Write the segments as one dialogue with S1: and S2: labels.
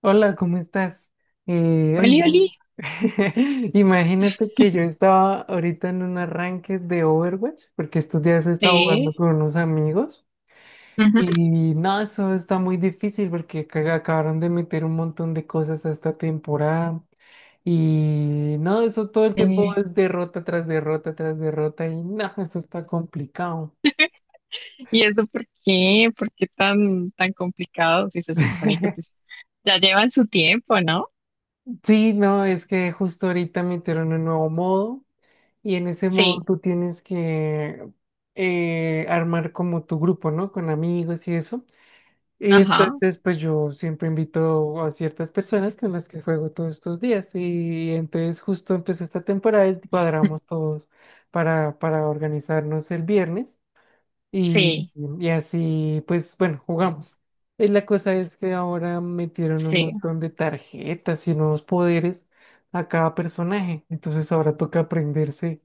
S1: Hola, ¿cómo estás? Ay,
S2: Oli, oli.
S1: no. Imagínate que yo estaba ahorita en un arranque de Overwatch, porque estos días he estado jugando
S2: Sí.
S1: con unos amigos
S2: Ujú.
S1: y no, eso está muy difícil porque acabaron de meter un montón de cosas a esta temporada y no, eso todo el tiempo
S2: eh,
S1: es derrota tras derrota tras derrota y no, eso está complicado.
S2: ¿Y eso por qué? ¿Por qué tan, tan complicado? Si se supone que pues ya llevan su tiempo, ¿no?
S1: Sí, no, es que justo ahorita metieron un nuevo modo. Y en ese
S2: Sí,
S1: modo tú tienes que armar como tu grupo, ¿no? Con amigos y eso. Y
S2: ajá.
S1: entonces, pues yo siempre invito a ciertas personas con las que juego todos estos días. Y entonces justo empezó esta temporada y cuadramos todos para organizarnos el viernes. Y,
S2: Sí,
S1: y así, pues bueno, jugamos. Y la cosa es que ahora metieron un
S2: sí.
S1: montón de tarjetas y nuevos poderes a cada personaje. Entonces ahora toca aprenderse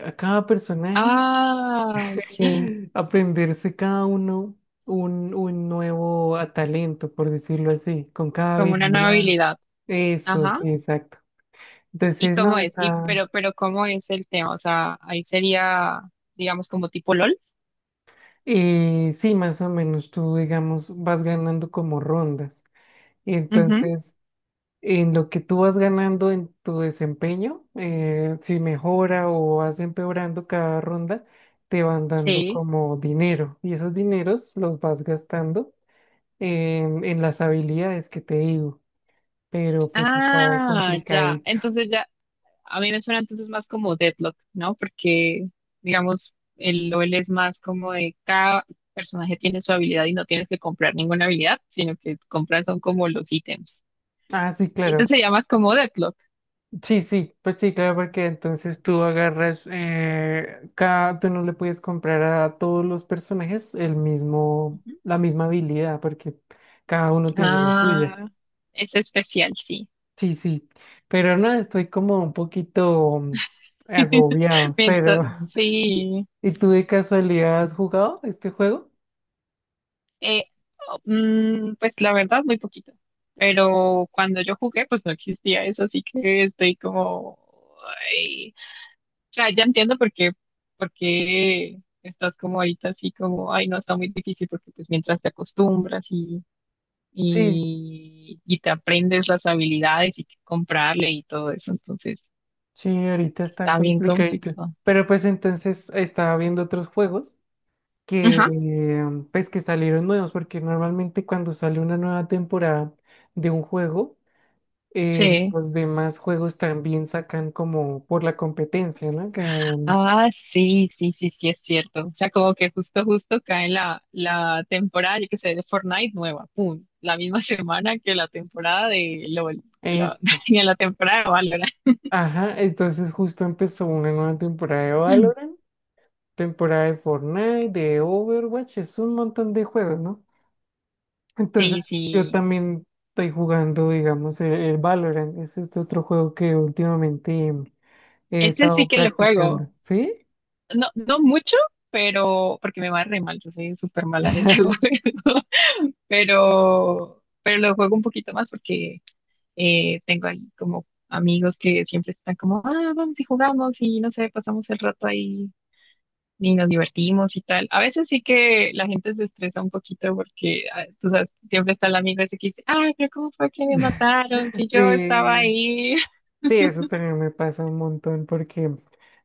S1: a cada personaje,
S2: Ay, sí.
S1: aprenderse cada uno un nuevo talento, por decirlo así, con cada
S2: Como una nueva
S1: habilidad.
S2: habilidad.
S1: Eso,
S2: Ajá.
S1: sí, exacto.
S2: ¿Y
S1: Entonces,
S2: cómo
S1: no,
S2: es? Y pero, pero ¿cómo es el tema? O sea, ahí sería, digamos, como tipo LOL.
S1: sí, más o menos tú, digamos, vas ganando como rondas. Y
S2: Ujú,
S1: entonces, en lo que tú vas ganando en tu desempeño, si mejora o vas empeorando cada ronda, te van dando
S2: sí.
S1: como dinero. Y esos dineros los vas gastando en las habilidades que te digo, pero pues está
S2: Ah, ya.
S1: complicadito.
S2: Entonces ya. A mí me suena entonces más como Deadlock, ¿no? Porque, digamos, el LOL es más como de cada personaje tiene su habilidad y no tienes que comprar ninguna habilidad, sino que compras son como los ítems.
S1: Ah, sí,
S2: Y
S1: claro.
S2: entonces se más como Deadlock.
S1: Sí, sí, pues sí, claro, porque entonces tú agarras, cada, tú no le puedes comprar a todos los personajes el mismo,
S2: Ujú.
S1: la misma habilidad, porque cada uno tiene la suya.
S2: Ah, es especial, sí.
S1: Sí, sí, pero no, estoy como un poquito agobiado, pero
S2: Entonces sí.
S1: ¿y tú de casualidad has jugado este juego?
S2: Eh, oh, pues la verdad, muy poquito. Pero cuando yo jugué, pues no existía eso, así que estoy como sea, ya entiendo por qué estás como ahorita así como, ay, no, está muy difícil porque pues mientras te acostumbras y,
S1: Sí.
S2: y, y te aprendes las habilidades y qué comprarle y todo eso, entonces
S1: Sí, ahorita está
S2: está bien
S1: complicadito.
S2: complicado.
S1: Pero pues entonces estaba viendo otros juegos que
S2: Ajá,
S1: pues que salieron nuevos, porque normalmente cuando sale una nueva temporada de un juego,
S2: sí.
S1: los demás juegos también sacan como por la competencia, ¿no? Um,
S2: Ah, sí, sí, sí, sí, es cierto. O sea, como que justo, justo cae la temporada, yo qué sé, de Fortnite nueva, pum, la misma semana que la temporada de LOL,
S1: Eso.
S2: que la temporada de Valorant.
S1: Ajá, entonces justo empezó una nueva temporada de Valorant, temporada de Fortnite, de Overwatch, es un montón de juegos, ¿no? Entonces,
S2: Sí,
S1: yo
S2: sí.
S1: también estoy jugando, digamos, el Valorant. Es este otro juego que últimamente he
S2: Ese sí
S1: estado
S2: que lo juego.
S1: practicando. ¿Sí?
S2: No, no mucho, pero porque me va re mal, yo soy súper mala en ese juego. Pero lo juego un poquito más porque tengo ahí como amigos que siempre están como, ah, vamos y jugamos y no sé, pasamos el rato ahí y nos divertimos y tal. A veces sí que la gente se estresa un poquito porque, ah, tú sabes, siempre está el amigo ese que dice, ay, pero ¿cómo fue que me mataron si yo estaba
S1: Sí,
S2: ahí?
S1: sí, eso también me pasa un montón porque,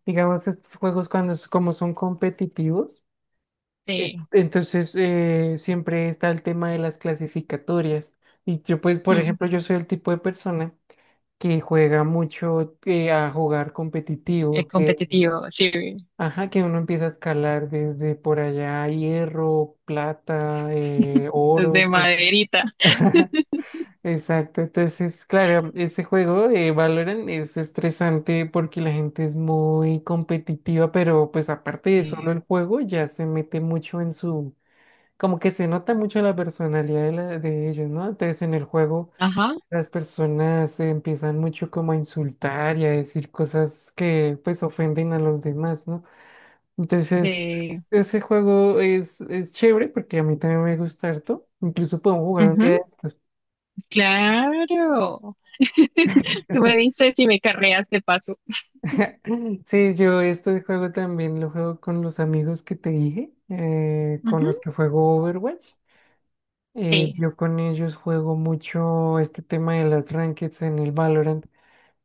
S1: digamos, estos juegos cuando como son competitivos,
S2: Sí,
S1: entonces siempre está el tema de las clasificatorias. Y yo, pues, por
S2: mm,
S1: ejemplo, yo soy el tipo de persona que juega mucho a jugar
S2: es
S1: competitivo.
S2: competitivo, sí,
S1: Ajá, que uno empieza a escalar desde por allá, hierro, plata,
S2: desde
S1: oro, pues,
S2: maderita.
S1: exacto. Entonces, claro, este juego de Valorant es estresante porque la gente es muy competitiva, pero pues aparte de
S2: Sí,
S1: solo el juego, ya se mete mucho en su, como que se nota mucho la personalidad de, de ellos, ¿no? Entonces, en el juego,
S2: ajá,
S1: las personas se empiezan mucho como a insultar y a decir cosas que pues ofenden a los demás, ¿no? Entonces,
S2: sí.
S1: ese juego es chévere porque a mí también me gusta harto. Incluso podemos jugar un día
S2: Ujú,
S1: de estos.
S2: claro. Tú me dices si me carreas de paso.
S1: Sí, yo este juego también lo juego con los amigos que te dije, con
S2: Ujú,
S1: los que juego Overwatch.
S2: sí,
S1: Yo con ellos juego mucho este tema de las rankings en el Valorant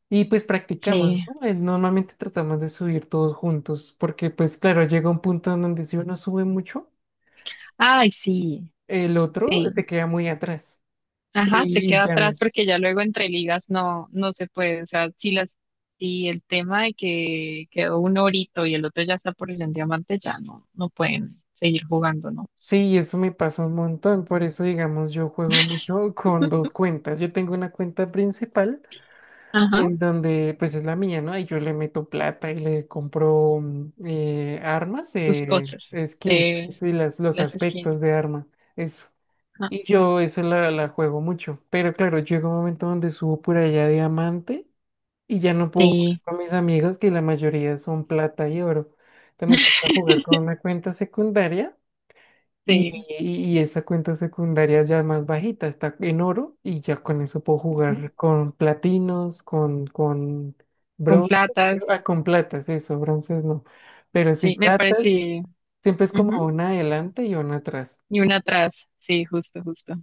S1: y pues practicamos,
S2: sí.
S1: ¿no? Normalmente tratamos de subir todos juntos porque pues claro, llega un punto en donde si uno sube mucho,
S2: Ay, sí,
S1: el otro se
S2: sí.
S1: queda muy atrás.
S2: Ajá, se
S1: Y
S2: queda
S1: ya,
S2: atrás
S1: no.
S2: porque ya luego entre ligas no, no se puede. O sea, si el tema de que quedó un orito y el otro ya está por el diamante, ya no, no pueden seguir jugando, ¿no?
S1: Sí, eso me pasa un montón, por eso digamos yo juego mucho con dos cuentas. Yo tengo una cuenta principal
S2: Ajá,
S1: en donde pues es la mía, ¿no? Y yo le meto plata y le compro armas,
S2: sus cosas.
S1: skins
S2: Sí,
S1: y las, los
S2: las skins.
S1: aspectos de arma, eso.
S2: Ajá,
S1: Y yo eso la juego mucho, pero claro, llega un momento donde subo por allá diamante y ya no puedo jugar
S2: sí,
S1: con mis amigos que la mayoría son plata y oro. Entonces me toca jugar con una cuenta secundaria
S2: sí.
S1: y esa cuenta secundaria ya más bajita, está en oro y ya con eso puedo
S2: Ujú,
S1: jugar con platinos, con
S2: con
S1: bronce,
S2: platas.
S1: ah, con platas, eso, bronces no. Pero si
S2: Sí, me
S1: platas,
S2: parece.
S1: siempre es como
S2: Ujú,
S1: una adelante y una atrás.
S2: y una atrás. Sí, justo, justo.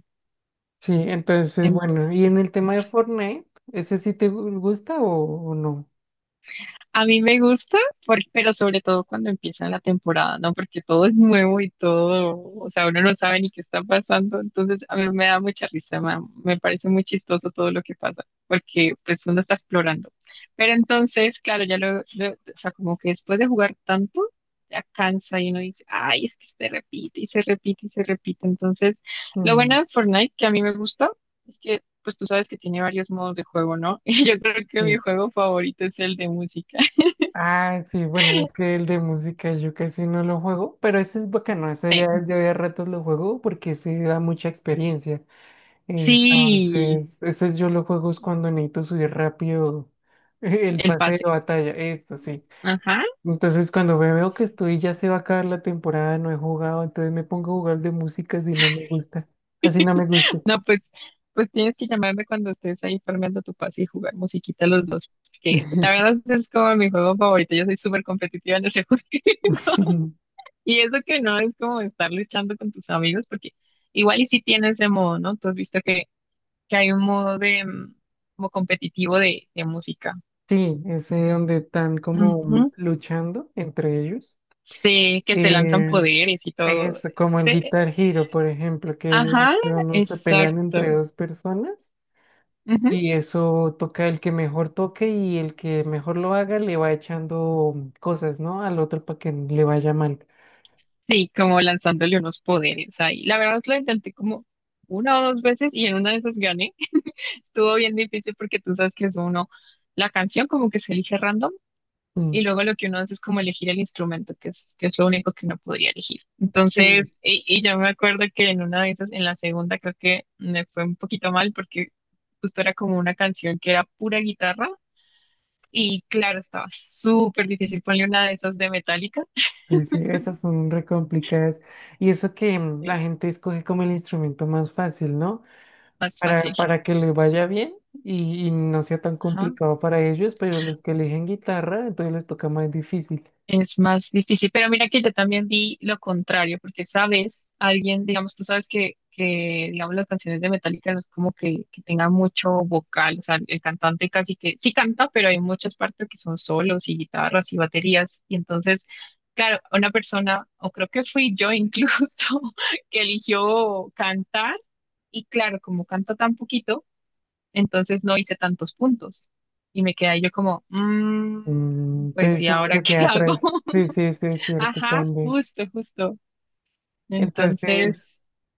S1: Sí, entonces, bueno, y en el tema de Fortnite, ¿ese sí te gusta o no?
S2: A mí me gusta, pero sobre todo cuando empieza la temporada, ¿no? Porque todo es nuevo y todo, o sea, uno no sabe ni qué está pasando. Entonces, a mí me da mucha risa, me parece muy chistoso todo lo que pasa, porque pues uno está explorando. Pero entonces, claro, ya o sea, como que después de jugar tanto, ya cansa y uno dice, ay, es que se repite y se repite y se repite. Entonces, lo bueno
S1: Mm,
S2: de Fortnite, que a mí me gusta, es que pues tú sabes que tiene varios modos de juego, ¿no? Y yo creo que mi
S1: sí.
S2: juego favorito es el de música.
S1: Ah, sí, bueno, es que el de música yo casi no lo juego, pero ese es bacano, ese ya
S2: Sí,
S1: yo de a ratos lo juego porque se da mucha experiencia.
S2: sí,
S1: Entonces, estos yo lo juego es cuando necesito subir rápido el
S2: el
S1: pase de
S2: pase.
S1: batalla, esto sí.
S2: Ajá.
S1: Entonces, cuando veo que estoy, ya se va a acabar la temporada, no he jugado, entonces me pongo a jugar de música si no me gusta. Así no me gusta.
S2: No, pues tienes que llamarme cuando estés ahí formando tu pase y jugar musiquita los dos. Que la verdad es como mi juego favorito. Yo soy súper competitiva en ese juego. Y eso que no es como estar luchando con tus amigos, porque igual y si tienes ese modo, ¿no? Tú has visto que hay un modo de como competitivo de música.
S1: Sí, ese donde están como
S2: Ujú.
S1: luchando entre ellos.
S2: Sí, que se lanzan
S1: Eh,
S2: poderes y todo.
S1: es como el
S2: Sí,
S1: Guitar Hero, por ejemplo, que
S2: ajá,
S1: ellos no se pelean entre
S2: exacto.
S1: dos personas.
S2: Ujú.
S1: Y eso toca el que mejor toque y el que mejor lo haga le va echando cosas, ¿no? Al otro para que le vaya mal.
S2: Sí, como lanzándole unos poderes ahí. La verdad, lo intenté como una o dos veces y en una de esas gané. Estuvo bien difícil porque tú sabes que es uno, la canción como que se elige random
S1: Mm,
S2: y luego lo que uno hace es como elegir el instrumento, que es lo único que uno podría elegir.
S1: sí,
S2: Entonces, y yo me acuerdo que en una de esas, en la segunda creo que me fue un poquito mal porque justo era como una canción que era pura guitarra y claro, estaba súper difícil ponerle una de esas de Metallica.
S1: sí, sí, estas son re complicadas. Y eso que la
S2: Sí,
S1: gente escoge como el instrumento más fácil, ¿no?
S2: más
S1: Para,
S2: fácil, sí.
S1: para que le vaya bien y no sea tan complicado para ellos, pero los que eligen guitarra, entonces les toca más difícil.
S2: Es más difícil, pero mira que yo también vi lo contrario, porque sabes, alguien, digamos, tú sabes que digamos, las canciones de Metallica no es como que tengan mucho vocal, o sea, el cantante casi que sí canta, pero hay muchas partes que son solos y guitarras y baterías, y entonces, claro, una persona, o creo que fui yo incluso, que eligió cantar, y claro, como canta tan poquito, entonces no hice tantos puntos, y me quedé ahí yo como,
S1: Mm,
S2: "Mm, pues,
S1: entonces
S2: ¿y
S1: uno
S2: ahora
S1: se
S2: qué
S1: queda
S2: hago?
S1: atrás. Sí, sí, sí, es cierto
S2: Ajá,
S1: también.
S2: justo, justo. Entonces,
S1: Entonces,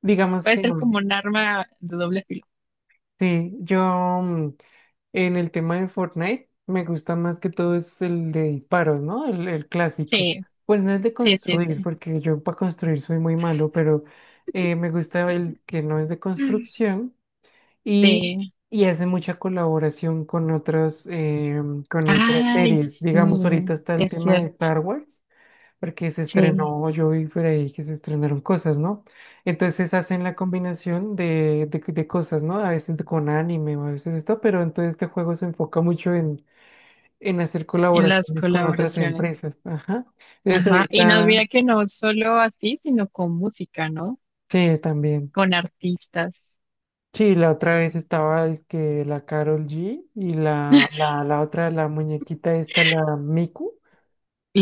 S1: digamos
S2: puede
S1: que...
S2: ser como un arma de doble filo.
S1: sí, yo mm, en el tema de Fortnite me gusta más que todo es el de disparos, ¿no? El clásico.
S2: Sí,
S1: Pues no es de
S2: sí, sí,
S1: construir,
S2: sí.
S1: porque yo para construir soy muy malo, pero me gusta el que no es de construcción y,
S2: Sí.
S1: y hace mucha colaboración con otras
S2: Ay,
S1: series.
S2: sí,
S1: Digamos, ahorita está
S2: sí
S1: el
S2: es
S1: tema de
S2: cierto.
S1: Star Wars porque se
S2: Sí,
S1: estrenó, yo vi por ahí que se estrenaron cosas, ¿no? Entonces hacen la combinación de, de cosas, ¿no? A veces con anime o a veces esto, pero entonces este juego se enfoca mucho en hacer
S2: en las
S1: colaboraciones con otras
S2: colaboraciones.
S1: empresas, ajá. Eso
S2: Ajá. Y nos
S1: ahorita,
S2: mira que no solo así, sino con música, ¿no?
S1: sí, también.
S2: Con artistas.
S1: Sí, la otra vez estaba, es que la Carol G y la, la, la otra, la muñequita esta, la Miku.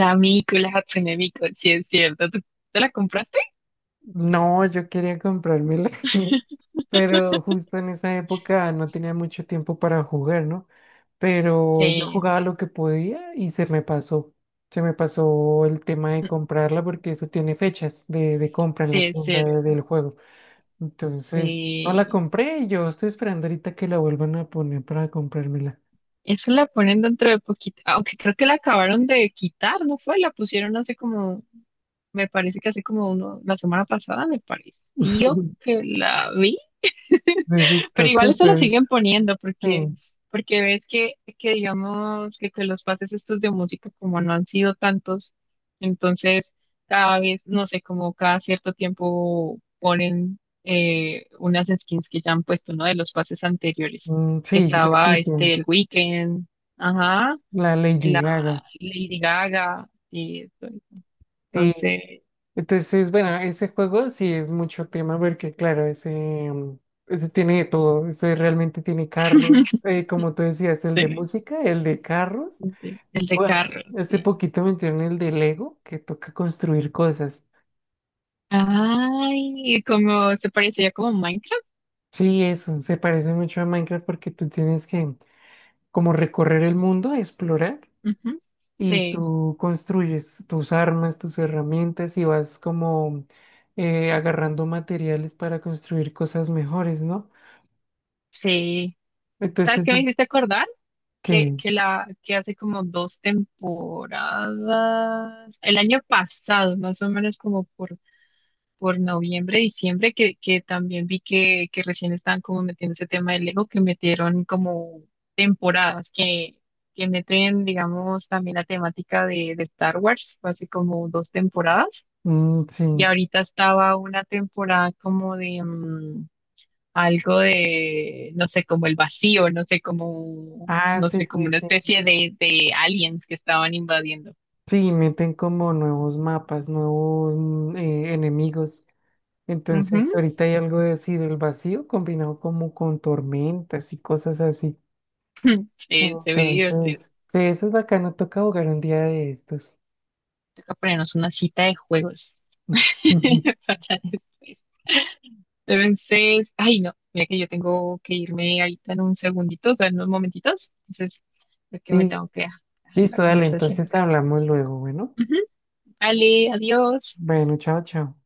S2: La Miku, la Hatsune Miku, sí es cierto. ¿Te la compraste?
S1: No, yo quería comprármela, pero justo en esa época no tenía mucho tiempo para jugar, ¿no? Pero yo
S2: Sí,
S1: jugaba lo que podía y se me pasó. Se me pasó el tema de comprarla porque eso tiene fechas de compra en
S2: sí
S1: la
S2: es
S1: tienda
S2: cierto.
S1: del juego. Entonces, no la
S2: Sí.
S1: compré y yo estoy esperando ahorita que la vuelvan a poner para comprármela.
S2: Esa la ponen dentro de poquito, aunque creo que la acabaron de quitar, ¿no fue? La pusieron hace como, me parece que hace como uno, la semana pasada, me pareció que la vi.
S1: Entonces,
S2: Pero
S1: creo que
S2: igual eso lo
S1: entonces,
S2: siguen poniendo porque,
S1: sí,
S2: porque ves que digamos que los pases estos de música como no han sido tantos, entonces cada vez, no sé, como cada cierto tiempo ponen unas skins que ya han puesto, ¿no? De los pases anteriores, que
S1: sí,
S2: estaba
S1: repito,
S2: este el Weeknd, ajá,
S1: la
S2: la
S1: Lady Gaga.
S2: Lady Gaga y eso.
S1: Sí,
S2: Entonces,
S1: entonces, bueno, ese juego sí es mucho tema porque, claro, ese, ese tiene de todo, ese realmente tiene carros, como tú decías, el de
S2: sí,
S1: música, el de carros,
S2: sí, el de
S1: pues
S2: carro,
S1: hace
S2: sí.
S1: poquito metieron el de Lego, que toca construir cosas.
S2: Ay, como se parecía como Minecraft.
S1: Sí, eso, se parece mucho a Minecraft porque tú tienes que como recorrer el mundo, explorar,
S2: Ujú.
S1: y
S2: Sí,
S1: tú construyes tus armas, tus herramientas y vas como agarrando materiales para construir cosas mejores, ¿no?
S2: sí. ¿Sabes
S1: Entonces,
S2: qué me hiciste acordar?
S1: que,
S2: Que hace como dos temporadas, el año pasado, más o menos como por noviembre, diciembre, que también vi que recién estaban como metiendo ese tema del Lego, que metieron como temporadas, que meten, digamos, también la temática de Star Wars, fue hace como dos temporadas,
S1: sí.
S2: y ahorita estaba una temporada como de, algo de, no sé, como el vacío, no sé, como,
S1: Ah,
S2: no
S1: sí,
S2: sé, como
S1: sí,
S2: una
S1: sí.
S2: especie de aliens que estaban invadiendo.
S1: Sí, meten como nuevos mapas, nuevos enemigos.
S2: Ujú.
S1: Entonces, ahorita hay algo de así del vacío combinado como con tormentas y cosas así.
S2: Sí, se ve divertido.
S1: Entonces, sí, eso es bacano. Toca jugar un día de estos.
S2: Toca ponernos una cita de juegos
S1: Ujú.
S2: para después. Entonces, ay no, mira que yo tengo que irme ahorita en un segundito, o sea, en unos momentitos. Entonces, creo que me
S1: Sí,
S2: tengo que dejar la
S1: listo, dale.
S2: conversación
S1: Entonces
S2: por acá.
S1: hablamos luego. Bueno,
S2: Ujú. Vale, adiós.
S1: bueno, chao, chao.